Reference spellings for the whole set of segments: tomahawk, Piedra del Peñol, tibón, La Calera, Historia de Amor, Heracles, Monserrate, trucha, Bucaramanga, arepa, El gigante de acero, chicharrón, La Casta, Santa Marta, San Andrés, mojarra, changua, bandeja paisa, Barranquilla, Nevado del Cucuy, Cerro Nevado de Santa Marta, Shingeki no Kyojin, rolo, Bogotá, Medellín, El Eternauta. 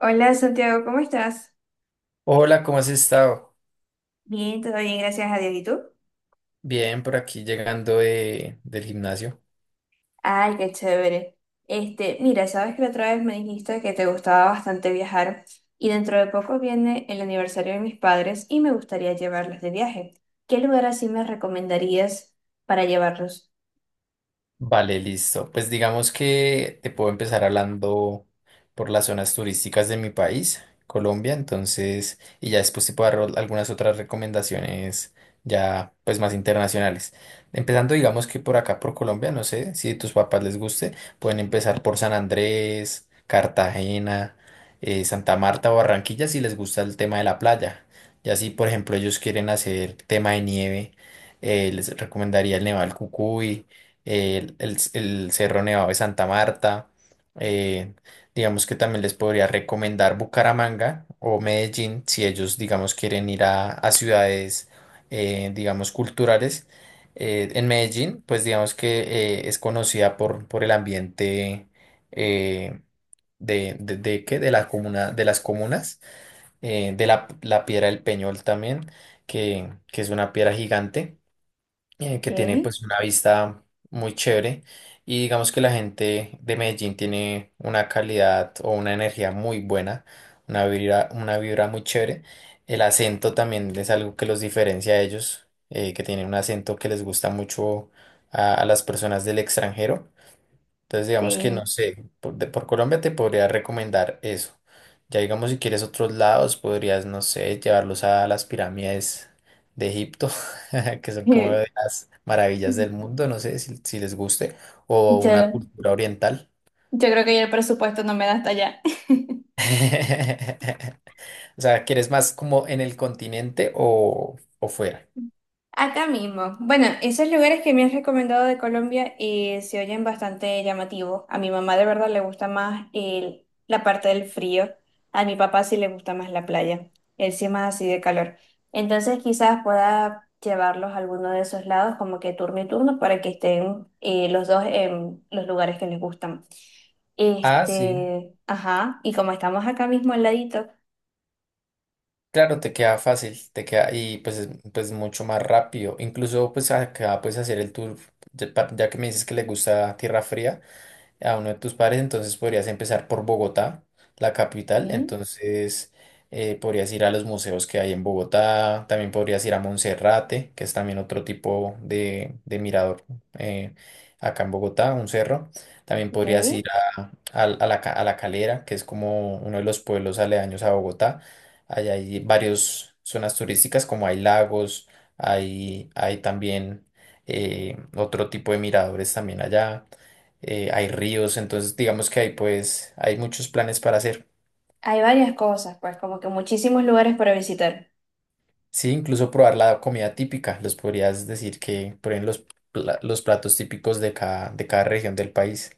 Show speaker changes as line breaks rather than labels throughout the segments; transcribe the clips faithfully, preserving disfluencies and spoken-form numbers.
Hola Santiago, ¿cómo estás?
Hola, ¿cómo has estado?
Bien, todo bien, gracias a Dios. ¿Y tú?
Bien, por aquí llegando de, del gimnasio.
Ay, qué chévere. Este, mira, sabes que la otra vez me dijiste que te gustaba bastante viajar y dentro de poco viene el aniversario de mis padres y me gustaría llevarlos de viaje. ¿Qué lugar así me recomendarías para llevarlos?
Vale, listo. Pues digamos que te puedo empezar hablando por las zonas turísticas de mi país, Colombia, entonces, y ya después te puedo dar ol- algunas otras recomendaciones ya pues más internacionales. Empezando digamos que por acá, por Colombia, no sé si a tus papás les guste, pueden empezar por San Andrés, Cartagena, eh, Santa Marta o Barranquilla si les gusta el tema de la playa. Y así, por ejemplo, ellos quieren hacer tema de nieve, eh, les recomendaría el Nevado del Cucuy el, el- el Cerro Nevado de Santa Marta. eh, digamos que también les podría recomendar Bucaramanga o Medellín si ellos, digamos, quieren ir a, a ciudades, eh, digamos, culturales. Eh, en Medellín, pues digamos que eh, es conocida por, por el ambiente, eh, de, de, de, ¿qué?, de la comuna, de las comunas, eh, de la, la Piedra del Peñol también, que, que es una piedra gigante, eh, que tiene
¿Qué?
pues una vista muy chévere, y digamos que la gente de Medellín tiene una calidad o una energía muy buena, una vibra, una vibra muy chévere. El acento también es algo que los diferencia a ellos, eh, que tienen un acento que les gusta mucho a, a las personas del extranjero. Entonces, digamos que no
Sí.
sé, por, de- por Colombia te podría recomendar eso. Ya digamos, si quieres otros lados, podrías, no sé, llevarlos a las pirámides de Egipto, que son como de las maravillas del mundo, no sé si, si les guste, o una
Yo,
cultura oriental.
yo creo que ya el presupuesto no me da hasta allá.
O sea, ¿quieres más como en el continente o, o fuera?
Acá mismo. Bueno, esos lugares que me has recomendado de Colombia eh, se oyen bastante llamativos. A mi mamá de verdad le gusta más el- la parte del frío. A mi papá sí le gusta más la playa. Él sí es más así de calor. Entonces quizás pueda llevarlos a alguno de esos lados como que turno y turno para que estén eh, los dos en los lugares que les gustan.
Ah, sí.
Este, ajá, y como estamos acá mismo al ladito,
Claro, te queda fácil, te queda y pues es- pues mucho más rápido. Incluso pues acá puedes hacer el tour, ya, pa- ya que me dices que le gusta tierra fría a uno de tus pares, entonces podrías empezar por Bogotá, la capital. Mm.
¿sí?
Entonces, eh, podrías ir a los museos que hay en Bogotá, también podrías ir a Monserrate, que es también otro tipo de, de mirador, eh, acá en Bogotá, un cerro, también
Ok.
podrías ir a, a- a la, Ca- a La Calera, que es como uno de los pueblos aledaños a Bogotá. Allá hay varias zonas turísticas, como hay lagos, hay, hay también... eh, otro tipo de miradores también allá, eh, hay ríos, entonces digamos que hay pues hay muchos planes para hacer.
Hay varias cosas, pues como que muchísimos lugares para visitar.
Sí, incluso probar la comida típica, les podrías decir que prueben los, pla- los platos típicos de cada, de cada región del país.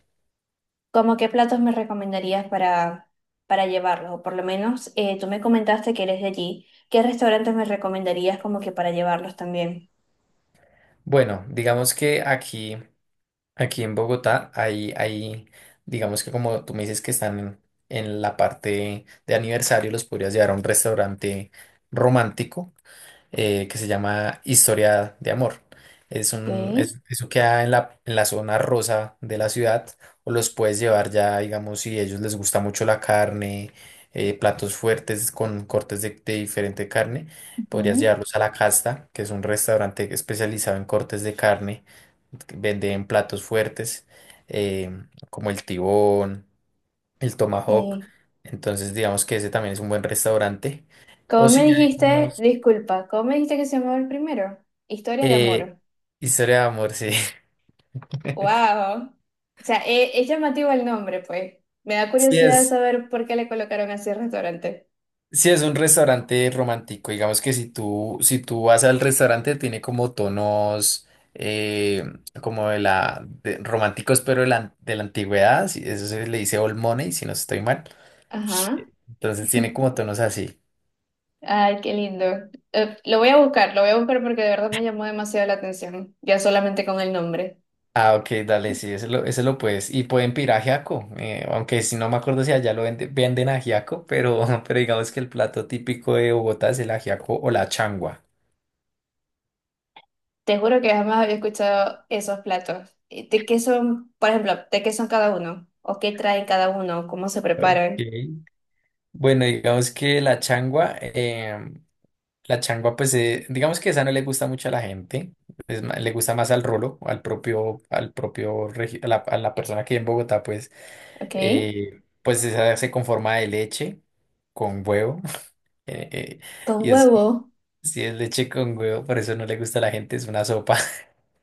¿Cómo qué platos me recomendarías para, para llevarlos? O por lo menos eh, tú me comentaste que eres de allí. ¿Qué restaurantes me recomendarías como que para llevarlos también?
Bueno, digamos que aquí, aquí en Bogotá hay, hay, digamos que como tú me dices que están en, en la parte de aniversario, los podrías llevar a un restaurante romántico, eh, que se llama Historia de Amor. Es
Ok.
un, es- eso queda en la, en la zona rosa de la ciudad, o los puedes llevar ya, digamos, si a ellos les gusta mucho la carne, eh, platos fuertes con cortes de, de diferente carne. Podrías
Ujú.
llevarlos a La Casta, que es un restaurante especializado en cortes de carne, que venden platos fuertes, eh, como el tibón, el tomahawk,
eh,
entonces digamos que ese también es un buen restaurante. O
¿Cómo me
si ya...
dijiste? Disculpa, ¿cómo me dijiste que se llamaba el primero? Historia de
Eh,
amor.
Historia de Amor, sí.
¡Wow! O sea, eh, es llamativo el nombre, pues. Me da
Sí
curiosidad
es,
saber por qué le colocaron así el restaurante.
sí es un restaurante romántico. Digamos que si tú, si tú vas al restaurante, tiene como tonos, eh, como de la de- románticos, pero de la, de la antigüedad. Sí, eso se le dice old money, si no estoy mal.
Ajá.
Entonces tiene como tonos así.
Ay, qué lindo. Eh, lo voy a buscar, lo voy a buscar porque de verdad me llamó demasiado la atención, ya solamente con el nombre.
Ah, ok, dale, sí, ese lo, ese lo puedes. Y pueden pedir ajiaco, eh, aunque si no me acuerdo si allá lo vende- venden, ajiaco, pero pero digamos que el plato típico de Bogotá es el ajiaco o la changua.
Te juro que jamás había escuchado esos platos. Eh, ¿De qué son, por ejemplo, de qué son cada uno? ¿O qué trae cada uno? ¿Cómo se
Ok.
preparan?
Bueno, digamos que la changua, em, la changua, pues eh, digamos que esa no le gusta mucho a la gente, es ma- le gusta más al rolo, al propio, al propio, regi- a la, a la persona que en Bogotá, pues,
¿Ok?
eh, pues esa se conforma de leche con huevo, eh, eh,
Con
y es,
huevo.
si es leche con huevo, por eso no le gusta a la gente, es una sopa,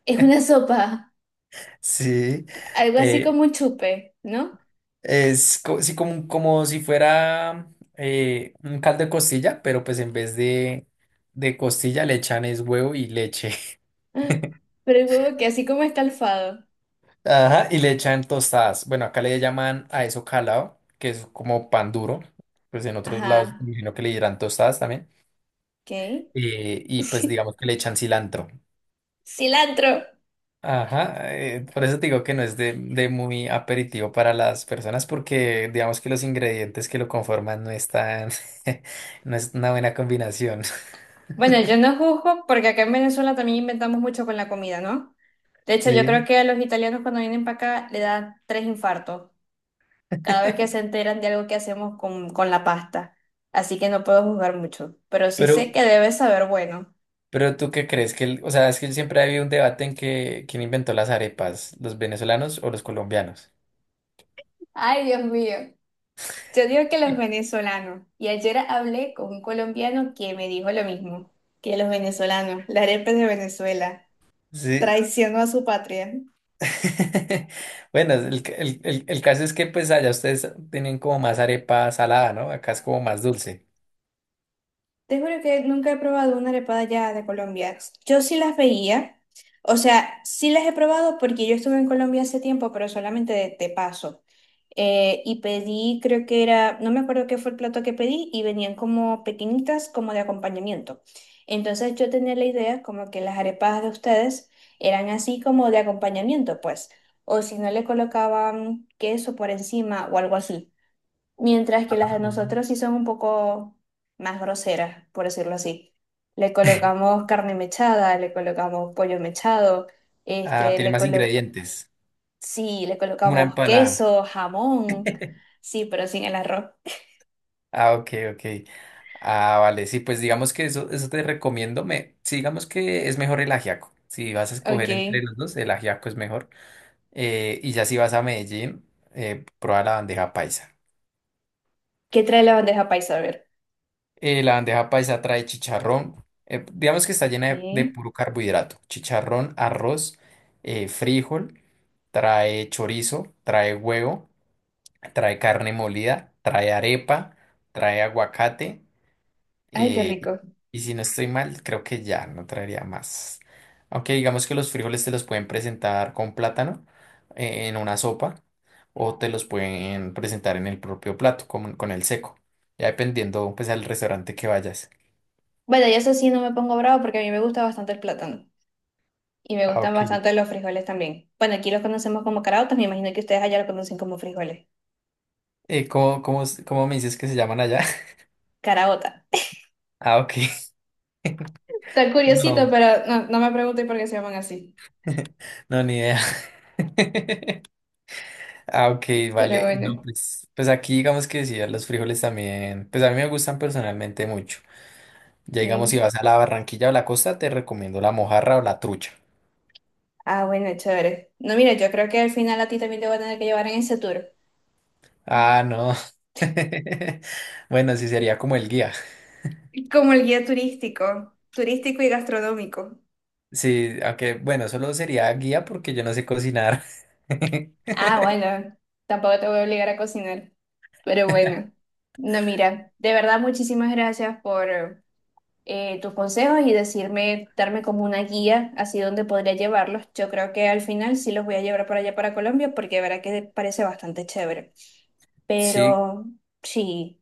Es una sopa,
sí,
algo así como
eh,
un chupe, ¿no?
Es co- sí, como, como si fuera eh, un caldo de costilla, pero pues en vez de, de costilla le echan es huevo y leche.
Ah, pero el huevo que así como escalfado.
Ajá, y le echan tostadas. Bueno, acá le llaman a eso calado, que es como pan duro. Pues en otros lados
Ajá.
me imagino que le dirán tostadas también.
¿Ok?
Eh, y pues digamos que le echan cilantro.
Cilantro.
Ajá, eh, por eso te digo que no es de, de muy aperitivo para las personas porque digamos que los ingredientes que lo conforman no están, no es una buena combinación.
Bueno, yo no juzgo porque acá en Venezuela también inventamos mucho con la comida, ¿no? De hecho, yo creo
Sí.
que a los italianos cuando vienen para acá le dan tres infartos cada vez que se enteran de algo que hacemos con, con la pasta. Así que no puedo juzgar mucho, pero sí sé
Pero,
que debe saber bueno.
pero ¿tú qué crees? Que el- o sea, es que siempre ha habido un debate en que quién inventó las arepas, los venezolanos o los colombianos.
Ay, Dios mío. Yo digo que los venezolanos. Y ayer hablé con un colombiano que me dijo lo mismo, que los venezolanos, la arepa es de Venezuela,
Sí.
traicionó a su patria.
Bueno, el, ca- el- el- el caso es que pues allá ustedes tienen como más arepa salada, ¿no? Acá es como más dulce.
Te juro que nunca he probado una arepada ya de Colombia. Yo sí las veía, o sea, sí las he probado porque yo estuve en Colombia hace tiempo, pero solamente de, de paso. Eh, y pedí, creo que era, no me acuerdo qué fue el plato que pedí, y venían como pequeñitas, como de acompañamiento. Entonces yo tenía la idea como que las arepas de ustedes eran así como de acompañamiento, pues, o si no le colocaban queso por encima o algo así. Mientras que las de
Ah.
nosotros sí son un poco más groseras, por decirlo así. Le colocamos carne mechada, le colocamos pollo mechado,
Ah,
este,
tiene
le
más
colo-
ingredientes.
sí, le
Como una
colocamos
empanada.
queso, jamón, sí, pero sin el arroz.
Ah, ok, ok. Ah, vale, sí, pues digamos que eso, eso te recomiendo. Me, sí, digamos que es mejor el ajiaco. Si vas a
Ok.
escoger entre los dos, el ajiaco es mejor. Eh, y ya si vas a Medellín, eh, prueba la bandeja paisa.
¿Qué trae la bandeja paisa? A ver.
Eh, la bandeja paisa trae chicharrón, eh, digamos que está llena de, de
¿Qué?
puro carbohidrato. Chicharrón, arroz, eh, frijol, trae chorizo, trae huevo, trae carne molida, trae arepa, trae aguacate.
Ay, qué
Eh,
rico.
y si no estoy mal, creo que ya no traería más. Aunque digamos que los frijoles te los pueden presentar con plátano, eh, en una sopa o te los pueden presentar en el propio plato con, con el seco. Ya dependiendo pues al restaurante que vayas.
Bueno, y eso sí no me pongo bravo porque a mí me gusta bastante el plátano. Y me
Ah,
gustan
ok.
bastante los frijoles también. Bueno, aquí los conocemos como caraotas, me imagino que ustedes allá lo conocen como frijoles.
Eh, ¿cómo, cómo, s- cómo me dices que se llaman allá?
Caraota.
Ah, ok.
Está curiosito,
No,
pero no, no me pregunté por qué se llaman así.
no, ni idea. Ah, ok,
Pero
vale.
bueno.
No, pues, pues aquí digamos que sí, a los frijoles también, pues a mí me gustan personalmente mucho. Ya digamos, si
Ok.
vas a la Barranquilla o la costa, te recomiendo la mojarra o la trucha.
Ah, bueno, chévere. No, mira, yo creo que al final a ti también te voy a tener que llevar en ese tour.
Ah, no. Bueno, sí sería como el guía.
Como el guía turístico, turístico y gastronómico.
Sí, aunque bueno, solo sería guía porque yo no sé cocinar.
Ah, bueno, tampoco te voy a obligar a cocinar. Pero bueno. No, mira, de verdad muchísimas gracias por eh, tus consejos y decirme, darme como una guía así donde podría llevarlos. Yo creo que al final sí los voy a llevar para allá para Colombia porque verá que parece bastante chévere.
Sí,
Pero sí,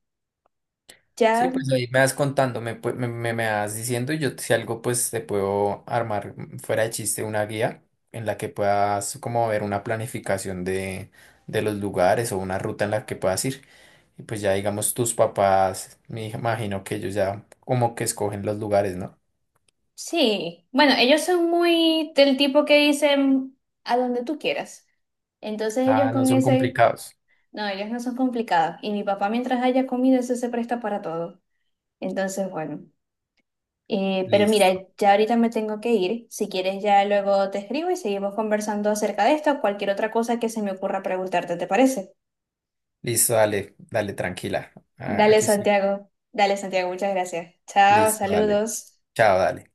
sí,
ya
pues ahí me vas contando, me, pu- me, me- me- vas diciendo y yo si algo pues te puedo armar, mm, fuera de chiste una guía en la que puedas como ver una planificación de, de los lugares o una ruta en la que puedas ir. Y pues ya digamos tus papás, me imagino que ellos ya como que escogen los lugares, ¿no?
sí. Bueno, ellos son muy del tipo que dicen a donde tú quieras. Entonces ellos
Ah, no
con
son
ese,
complicados.
no, ellos no son complicados. Y mi papá mientras haya comido, eso se presta para todo. Entonces, bueno. Eh, pero mira,
Listo.
ya ahorita me tengo que ir. Si quieres, ya luego te escribo y seguimos conversando acerca de esto o cualquier otra cosa que se me ocurra preguntarte, ¿te parece?
Listo, dale, dale, tranquila. Ah,
Dale,
aquí estoy.
Santiago. Dale, Santiago, muchas gracias. Chao,
Listo, dale.
saludos.
Chao, dale.